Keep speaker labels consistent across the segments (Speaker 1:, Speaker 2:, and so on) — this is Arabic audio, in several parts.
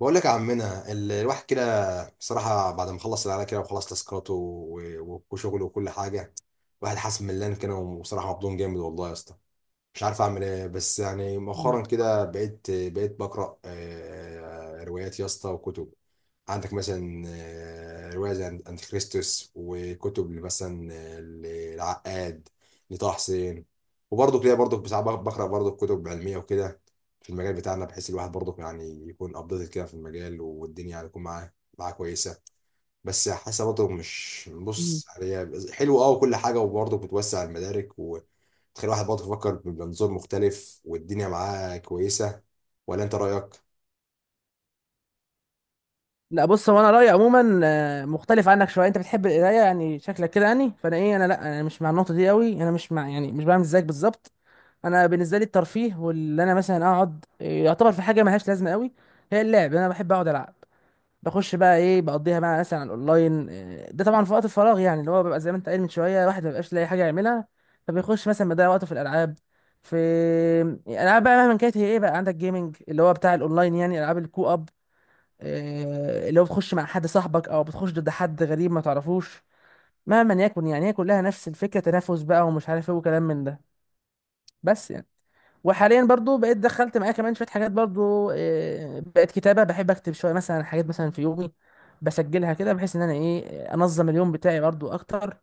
Speaker 1: بقول لك يا عمنا، الواحد كده بصراحة، بعد ما خلص العيال كده وخلص تاسكاته وشغله وكل حاجة، الواحد حاسس ملان كده، وبصراحة مبدون جامد والله يا اسطى. مش عارف اعمل ايه، بس يعني
Speaker 2: مم.
Speaker 1: مؤخرا كده بقيت بقرا، روايات يا اسطى وكتب. عندك مثلا روايه زي انتيخريستوس، وكتب مثلا للعقاد، لطه حسين. وبرضه كده برضه ساعات بقرا برضه كتب علميه وكده في المجال بتاعنا، بحيث الواحد برضه يعني يكون ابديتد كده في المجال، والدنيا يعني تكون معاه كويسه. بس حاسه برضه، مش،
Speaker 2: مم.
Speaker 1: بص، هي حلو اه وكل حاجه، وبرضه بتوسع المدارك وتخلي الواحد برضه يفكر بمنظور مختلف، والدنيا معاه كويسه، ولا انت رايك؟
Speaker 2: لا، بص، هو انا رايي عموما مختلف عنك شويه. انت بتحب القرايه، يعني شكلك كده. يعني فانا ايه انا لا انا مش مع النقطه دي قوي، انا مش مع، يعني مش بعمل زيك بالظبط. انا بالنسبه لي الترفيه، واللي انا مثلا اقعد يعتبر في حاجه ملهاش لازمه قوي. هي اللعب، انا بحب اقعد العب، بخش بقى بقضيها بقى مثلا على الاونلاين، ده طبعا في وقت الفراغ، يعني اللي هو بيبقى زي ما انت قايل من شويه، الواحد ما بيبقاش لاقي حاجه يعملها، فبيخش مثلا بيضيع وقته في الالعاب. في، يعني العاب بقى مهما كانت، هي ايه بقى، عندك جيمنج، اللي هو بتاع الاونلاين، يعني العاب الكو اب. لو بتخش مع حد صاحبك او بتخش ضد حد غريب ما تعرفوش، مهما يكن يعني، هي كلها نفس الفكره، تنافس بقى ومش عارف ايه، وكلام من ده. بس يعني، وحاليا برضو بقيت دخلت معايا كمان شويه حاجات برضو، بقت كتابه. بحب اكتب شويه مثلا حاجات مثلا في يومي، بسجلها كده بحيث ان انا انظم اليوم بتاعي برضو اكتر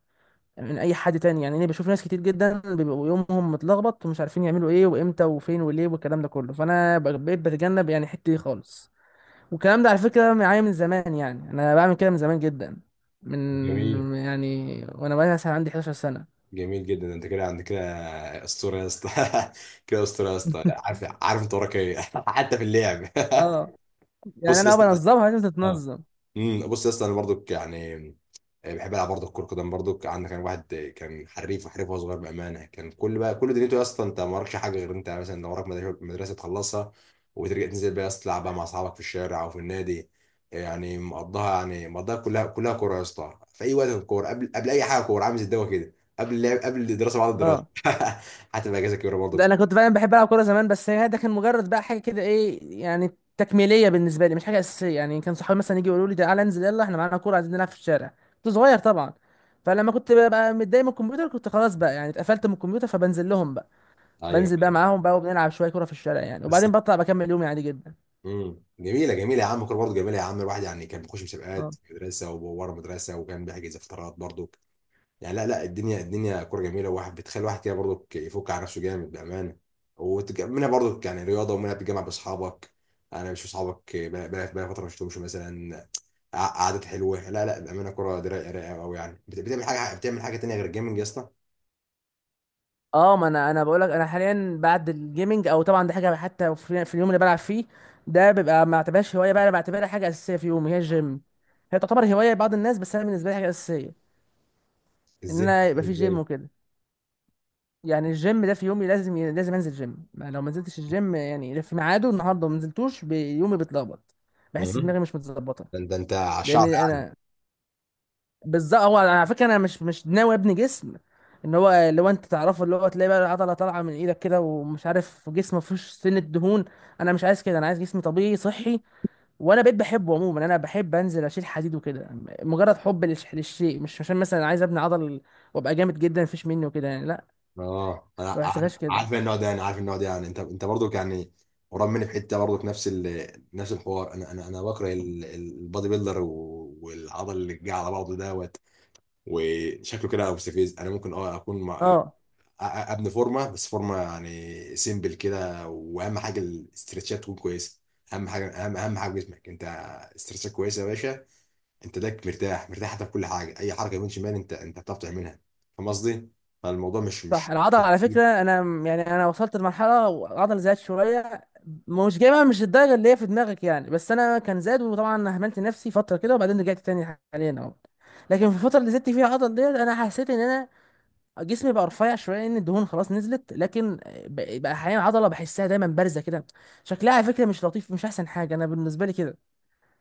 Speaker 2: من اي حد تاني. يعني انا بشوف ناس كتير جدا بيبقوا يومهم متلخبط ومش عارفين يعملوا ايه وامتى وفين وليه والكلام ده كله، فانا بقيت بتجنب يعني الحته دي خالص. والكلام ده على فكرة معايا من زمان، يعني أنا بعمل كده من زمان جدا،
Speaker 1: جميل،
Speaker 2: من يعني وأنا بقى مثلا عندي 11 سنة.
Speaker 1: جميل جدا، انت كده عندك كده اسطوره يا اسطى. كده اسطوره يا اسطى. لا، عارف عارف انت وراك ايه حتى في اللعب.
Speaker 2: اه، يعني
Speaker 1: بص يا
Speaker 2: أنا
Speaker 1: اسطى.
Speaker 2: بنظمها، لازم
Speaker 1: اه.
Speaker 2: تتنظم.
Speaker 1: بص يا اسطى، انا برضو يعني بحب العب برضه كرة قدم. برضه عندك كان واحد كان حريف وحريف وهو صغير، بامانه كان كل دنيته يا اسطى. انت ما وراكش حاجه غير انت، مثلا لو وراك مدرسة تخلصها وترجع تنزل بقى يا اسطى تلعب بقى مع اصحابك في الشارع او في النادي. يعني مقضاها، يعني مقضاها كلها كلها كوره يا اسطى في اي وقت. الكوره قبل اي حاجه، كوره، عامل زي الدواء كده، قبل اللعب، قبل الدراسه، بعد الدراسه.
Speaker 2: اه،
Speaker 1: حتى بقى اجازه كبيره
Speaker 2: ده
Speaker 1: برضه.
Speaker 2: أنا كنت فعلا بحب ألعب كورة زمان، بس هي ده كان مجرد بقى حاجة كده، إيه يعني، تكميلية بالنسبة لي، مش حاجة أساسية. يعني كان صحابي مثلا يجي يقولوا لي تعالى انزل يلا، إحنا معانا كورة عايزين نلعب في الشارع. كنت صغير طبعا، فلما كنت بقى متضايق من الكمبيوتر، كنت خلاص بقى، يعني اتقفلت من الكمبيوتر، فبنزل لهم بقى،
Speaker 1: ايوه،
Speaker 2: بنزل بقى
Speaker 1: ايوه.
Speaker 2: معاهم بقى وبنلعب شوية كورة في الشارع يعني.
Speaker 1: بس
Speaker 2: وبعدين بطلع بكمل يومي عادي جدا.
Speaker 1: جميله، جميله يا عم، الكوره برضه جميله يا عم. الواحد يعني كان بيخش مسابقات
Speaker 2: اه.
Speaker 1: في المدرسه وورا المدرسه، وكان بيحجز فترات برضه يعني. لا، لا، الدنيا، الدنيا كوره جميله، وواحد بتخلي واحد كده برضو يفك على نفسه جامد بامانه. منها برضو يعني رياضه، ومنها بتجمع باصحابك. انا، مش اصحابك بقى بقى فتره ما شفتهمش مثلا. قعدات حلوه. لا، لا، بامانه، كوره دي رايقه، رايقه قوي يعني. بتعمل حاجه، بتعمل حاجه تانيه غير الجيمنج يا اسطى.
Speaker 2: اه، ما انا بقول لك. انا حاليا بعد الجيمنج، او طبعا دي حاجه، حتى في اليوم اللي بلعب فيه ده بيبقى ما بعتبرهاش هوايه بقى، انا بعتبرها حاجه اساسيه في يومي، هي الجيم. هي تعتبر هوايه لبعض الناس، بس انا بالنسبه لي حاجه اساسيه ان
Speaker 1: ازاي؟
Speaker 2: انا يبقى في
Speaker 1: ازاي؟
Speaker 2: جيم وكده. يعني الجيم ده في يومي لازم، لازم انزل جيم، ما لو ما نزلتش الجيم يعني في ميعاده النهارده وما نزلتوش، يومي بيتلخبط،
Speaker 1: مم.
Speaker 2: بحس دماغي مش متظبطه.
Speaker 1: ده انت، ده انت عشان...
Speaker 2: لان انا، بالظبط هو على فكره انا مش ناوي ابني جسم، ان هو اللي هو انت تعرفه، اللي هو تلاقي بقى العضله طالعه من ايدك كده، ومش عارف، جسم ما فيهوش سنه دهون. انا مش عايز كده، انا عايز جسم طبيعي صحي. وانا بقيت بحبه عموما، انا بحب انزل اشيل حديد وكده، مجرد حب للشيء، مش عشان مثلا عايز ابني عضل وابقى جامد جدا مفيش مني وكده، يعني لا،
Speaker 1: اه، انا
Speaker 2: ما بحسبهاش كده.
Speaker 1: عارف النوع ده، انا عارف النوع ده. يعني انت برضك يعني قريب مني في حته. برضك نفس نفس الحوار. انا، انا بكره البادي بيلدر، والعضل اللي جه على بعضه دوت، وشكله كده مستفز. انا ممكن اكون مع...
Speaker 2: اه
Speaker 1: ابني فورمه، بس فورمه يعني سيمبل كده، واهم حاجه الاسترتشات تكون كويسه. اهم حاجه، اهم حاجه في جسمك انت، استرتشات كويسه يا باشا. انت ده مرتاح، مرتاح حتى في كل حاجه، اي حركه يمين شمال انت بتعرف تعملها. فاهم قصدي؟ فالموضوع مش
Speaker 2: صح،
Speaker 1: مش
Speaker 2: العضله على فكره انا يعني انا وصلت لمرحله العضله زادت شويه، مش جايبها مش الدرجه اللي هي في دماغك يعني، بس انا كان زاد، وطبعا اهملت نفسي فتره كده وبعدين رجعت تاني حاليا اهو. لكن في الفتره اللي زدت فيها العضله ديت انا حسيت ان انا جسمي بقى رفيع شويه، ان الدهون خلاص نزلت، لكن بقى احيانا العضله بحسها دايما بارزه كده. شكلها على فكره مش لطيف، مش احسن حاجه انا بالنسبه لي كده،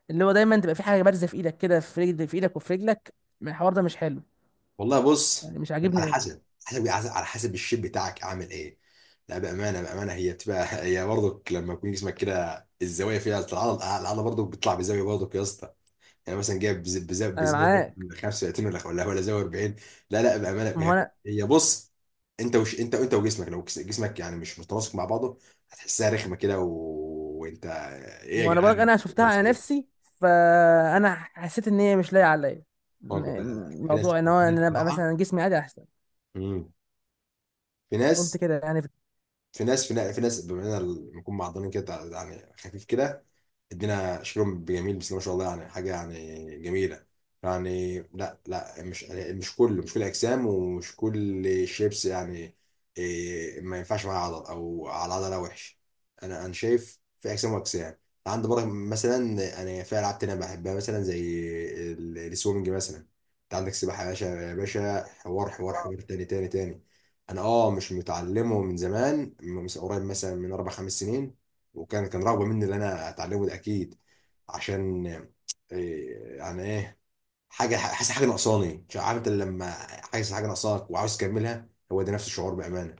Speaker 2: اللي هو دايما تبقى في حاجه بارزه في ايدك كده، في رجل، في ايدك وفي رجلك. الحوار ده مش حلو
Speaker 1: والله بص،
Speaker 2: يعني، مش
Speaker 1: على
Speaker 2: عاجبني قوي.
Speaker 1: حسب حسب على حسب الشيب بتاعك اعمل ايه. لا، بامانه، بامانه هي بتبقى هي برضك لما يكون جسمك كده، الزوايا فيها العضله، برضك بتطلع بزاويه برضك يا اسطى. يعني مثلا جايب
Speaker 2: انا
Speaker 1: بزاويه
Speaker 2: معاك،
Speaker 1: 35، ولا زاويه 40. لا، لا، بامانه،
Speaker 2: ما هو
Speaker 1: هي،
Speaker 2: انا،
Speaker 1: هي بص، انت وش انت وجسمك، لو جسمك يعني مش متناسق مع بعضه هتحسها رخمه كده، وانت، ايه يا
Speaker 2: ما انا بقولك
Speaker 1: جدعان.
Speaker 2: انا شفتها على نفسي، فانا حسيت ان هي مش لايقه عليا،
Speaker 1: لا، لا، لا، في ناس،
Speaker 2: موضوع ان
Speaker 1: في
Speaker 2: هو
Speaker 1: ناس
Speaker 2: ان انا ابقى
Speaker 1: بصراحه.
Speaker 2: مثلا جسمي عادي احسن،
Speaker 1: مم. في
Speaker 2: قلت
Speaker 1: ناس،
Speaker 2: كده يعني.
Speaker 1: في ناس بما اننا بنكون معضلين كده، يعني خفيف كده، ادينا شكلهم بجميل، بس ما شاء الله يعني حاجه يعني جميله. يعني لا، لا، مش، كله مش كل اجسام، ومش كل شيبس يعني إيه، ما ينفعش معاه عضل او على عضله وحش. انا شايف في اجسام واجسام. عندي برضه مثلا، انا في العاب تانية بحبها مثلا زي السويمنج مثلا. انت عندك سباحه يا باشا، يا باشا، حوار، حوار، حوار تاني، تاني، تاني. انا مش متعلمه من زمان، من قريب مثلا من اربع خمس سنين، وكان رغبه مني ان انا اتعلمه ده اكيد، عشان إيه، يعني ايه. حاجه، حاسس حاجه ناقصاني. مش عارف، انت لما حاسس حاجه ناقصاك وعاوز تكملها هو ده نفس الشعور بامانه.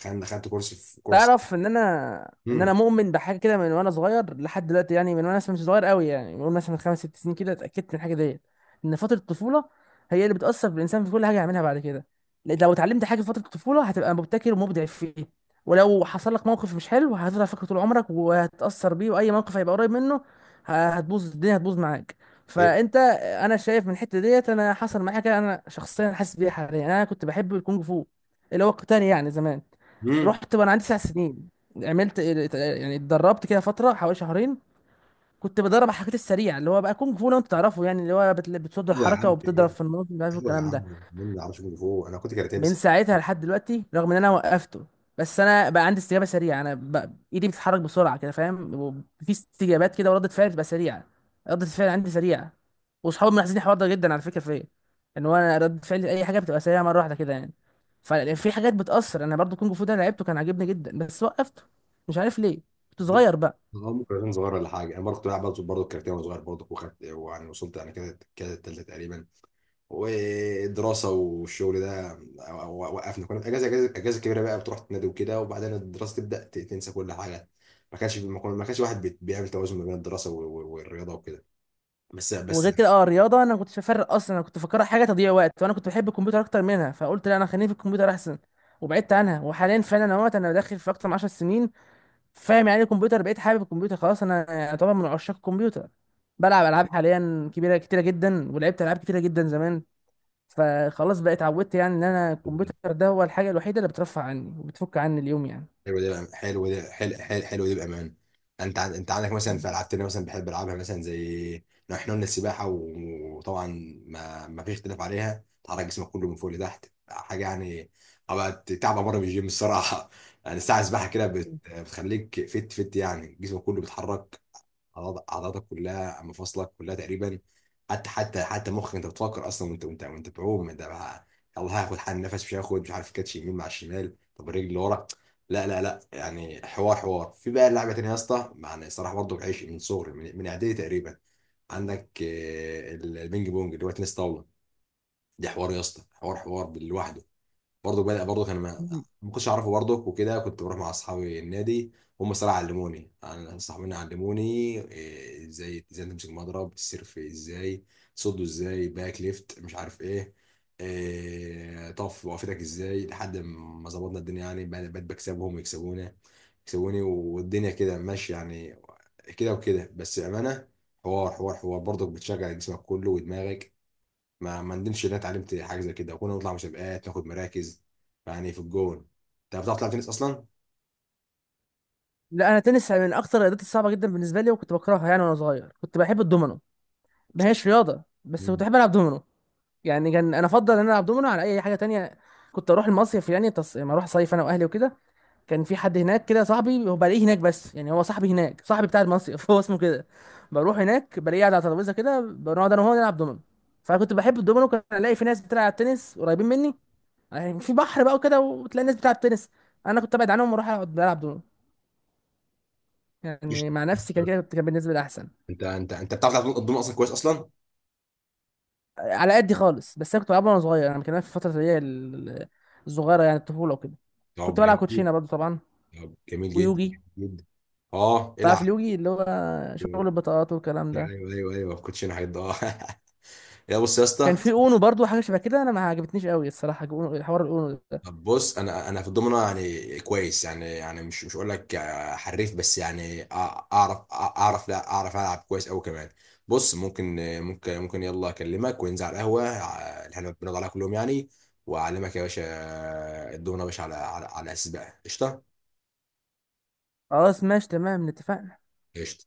Speaker 1: خدت كورس، في كورس.
Speaker 2: تعرف ان انا،
Speaker 1: امم.
Speaker 2: مؤمن بحاجه كده من وانا صغير لحد دلوقتي، يعني من وانا مثلا مش صغير قوي، يعني من مثلا من خمس ست سنين كده اتاكدت من الحاجه ديت، ان فتره الطفوله هي اللي بتاثر في الانسان في كل حاجه يعملها بعد كده. لأن لو اتعلمت حاجه في فتره الطفوله هتبقى مبتكر ومبدع فيه، ولو حصل لك موقف مش حلو، هتفضل فاكره طول عمرك وهتتاثر بيه، واي موقف هيبقى قريب منه هتبوظ الدنيا، هتبوظ معاك.
Speaker 1: ايه.
Speaker 2: فانت، انا شايف من الحته ديت انا حصل معايا كده، انا شخصيا حاسس بيها حاليا. انا كنت بحب الكونج فو، اللي هو القتال يعني زمان،
Speaker 1: امم.
Speaker 2: رحت وانا عندي 9 سنين، عملت يعني اتدربت كده فتره حوالي شهرين. كنت بدرب على الحاجات السريعه، اللي هو بقى كونج فو لو انت تعرفه، يعني اللي هو بتصد
Speaker 1: ايوه يا
Speaker 2: الحركه
Speaker 1: عم، إيه؟
Speaker 2: وبتضرب في النص، مش عارف
Speaker 1: ايوه يا
Speaker 2: الكلام ده.
Speaker 1: عم، مين ما يعرفش كونغ فو، انا كنت كاراتيه
Speaker 2: من
Speaker 1: بس.
Speaker 2: ساعتها لحد دلوقتي، رغم ان انا وقفته، بس انا بقى عندي استجابه سريعه، انا بقى ايدي بتتحرك بسرعه كده، فاهم، وفي استجابات كده، وردة فعل بتبقى سريعه، ردة الفعل عندي سريعه. واصحابي ملاحظين الحوار ده جدا على فكره فيا، ان هو انا ردة فعلي اي حاجه بتبقى سريعه مره واحده كده يعني. ففي حاجات بتاثر، انا برضو كونج فو ده لعبته كان عاجبني جدا، بس وقفته، مش عارف ليه، كنت
Speaker 1: بص،
Speaker 2: صغير بقى.
Speaker 1: اه، ممكن كان صغير ولا حاجه، انا برضه كنت بلعب برضه كاراتيه وانا صغير برضه، وخدت ويعني وصلت يعني كده، كده التالتة تقريبا، ودراسه والشغل ده، وقفنا، كنا في اجازه، اجازه كبيره بقى، بتروح تنادي وكده، وبعدين الدراسه تبدا تنسى كل حاجه. ما كانش واحد بيعمل توازن ما بين الدراسه والرياضه وكده. بس
Speaker 2: وغير كده، اه الرياضه انا كنت بفرق اصلا، انا كنت فاكرها حاجه تضييع وقت، وانا كنت بحب الكمبيوتر اكتر منها، فقلت لا انا خليني في الكمبيوتر احسن، وبعدت عنها. وحاليا فعلا انا وقت انا داخل في اكتر من 10 سنين، فاهم يعني إيه الكمبيوتر، بقيت حابب الكمبيوتر خلاص، انا يعني طبعا من عشاق الكمبيوتر. بلعب العاب حاليا كبيره كتيره جدا، ولعبت العاب كتيره جدا زمان، فخلاص بقيت اتعودت يعني ان انا الكمبيوتر ده هو الحاجه الوحيده اللي بترفع عني وبتفك عني اليوم يعني.
Speaker 1: حلو ده، حلو ده، حلو ده بامان. انت انت عندك مثلا
Speaker 2: مم.
Speaker 1: في العاب تانية مثلا بحب العبها مثلا زي، لو احنا قلنا السباحه، وطبعا ما فيش اختلاف عليها، تحرك جسمك كله من فوق لتحت، حاجه يعني، ابقى تعب مره في الجيم الصراحه. يعني ساعه سباحه كده بتخليك فت فت، يعني جسمك كله بيتحرك، اعضاءك كلها، مفاصلك كلها تقريبا. حتى، حتى مخك انت بتفكر اصلا وانت، وانت بعوم انت بقى، يلا هاخد حال نفس، مش هاخد، مش عارف كاتش يمين مع الشمال، طب الرجل اللي ورا. لا، لا، لا، يعني حوار، حوار في بقى لعبه تانيه يا اسطى، يعني الصراحه برضه بعيش من صغري، من اعدادي تقريبا. عندك البينج بونج اللي هو تنس طاوله، دي حوار يا اسطى، حوار، حوار لوحده. برضه بدأ برضه كان ما،
Speaker 2: مم.
Speaker 1: ما كنتش اعرفه برضه وكده، كنت بروح مع اصحابي النادي، هم الصراحه علموني يعني، صاحبين علموني ازاي، ازاي تمسك مضرب، السيرف ازاي تصده، ازاي باك ليفت، مش عارف ايه، طف وقفتك ازاي، لحد ما ظبطنا الدنيا يعني. بقيت بكسبهم ويكسبونا، يكسبوني، والدنيا كده ماشيه يعني، كده وكده بس امانه، حوار، حوار، حوار برضك بتشجع جسمك كله ودماغك. ما ندمش ان انا اتعلمت حاجه زي كده، وكنا نطلع مسابقات ناخد مراكز يعني في الجون. انت بتعرف تلعب تنس اصلا؟
Speaker 2: لا، انا تنس من اكتر الرياضات الصعبه جدا بالنسبه لي، وكنت بكرهها يعني. وانا صغير كنت بحب الدومينو، ما هيش رياضة بس كنت
Speaker 1: مم.
Speaker 2: بحب ألعب دومينو. يعني كان أنا أفضل إن أنا ألعب دومينو على أي حاجة تانية. كنت أروح المصيف يعني لما أروح صيف أنا وأهلي وكده، كان في حد هناك كده صاحبي، هو بلاقيه هناك بس يعني هو صاحبي هناك، صاحبي بتاع المصيف هو اسمه كده. بروح هناك بلاقيه قاعد على ترابيزة كده، بنقعد أنا وهو نلعب دومينو. فكنت بحب الدومينو، كان ألاقي في ناس بتلعب تنس قريبين مني، يعني في بحر بقى وكده وتلاقي الناس بتلعب تنس، أنا كنت أبعد عنهم وأروح أقعد ألعب دومينو
Speaker 1: مش
Speaker 2: يعني مع
Speaker 1: مش
Speaker 2: نفسي. كان
Speaker 1: عارف.
Speaker 2: كده، كان بالنسبة لي أحسن.
Speaker 1: انت، انت بتعرف تلعب الدومنه اصلا كويس اصلا؟
Speaker 2: على قدي خالص، بس انا كنت بلعبها وانا صغير، انا كان في الفتره اللي هي الصغيره، يعني الطفوله وكده.
Speaker 1: طب
Speaker 2: كنت بلعب
Speaker 1: جميل.
Speaker 2: كوتشينه برضو طبعا،
Speaker 1: طب جميل جدا،
Speaker 2: ويوجي.
Speaker 1: جميل جدا. اه
Speaker 2: تعرف
Speaker 1: العب.
Speaker 2: اليوجي اللي هو شغل البطاقات والكلام ده.
Speaker 1: ايوه، ايوه، ايوه، ما كنتش انا حد، اه. يا بص يا
Speaker 2: كان
Speaker 1: اسطى.
Speaker 2: في اونو برضو، حاجه شبه كده، انا ما عجبتنيش قوي الصراحه اونو، حوار الاونو ده.
Speaker 1: طب بص، انا في الضمنه يعني كويس، يعني مش اقول لك حريف، بس يعني اعرف، اعرف، لا اعرف العب كويس قوي كمان. بص، ممكن، ممكن يلا اكلمك وننزل على القهوه اللي احنا بنقعد عليها كل يوم يعني، واعلمك يا باشا الضمنه يا باشا، على، على اساس بقى، قشطه.
Speaker 2: خلاص ماشي، تمام اتفقنا.
Speaker 1: قشطه.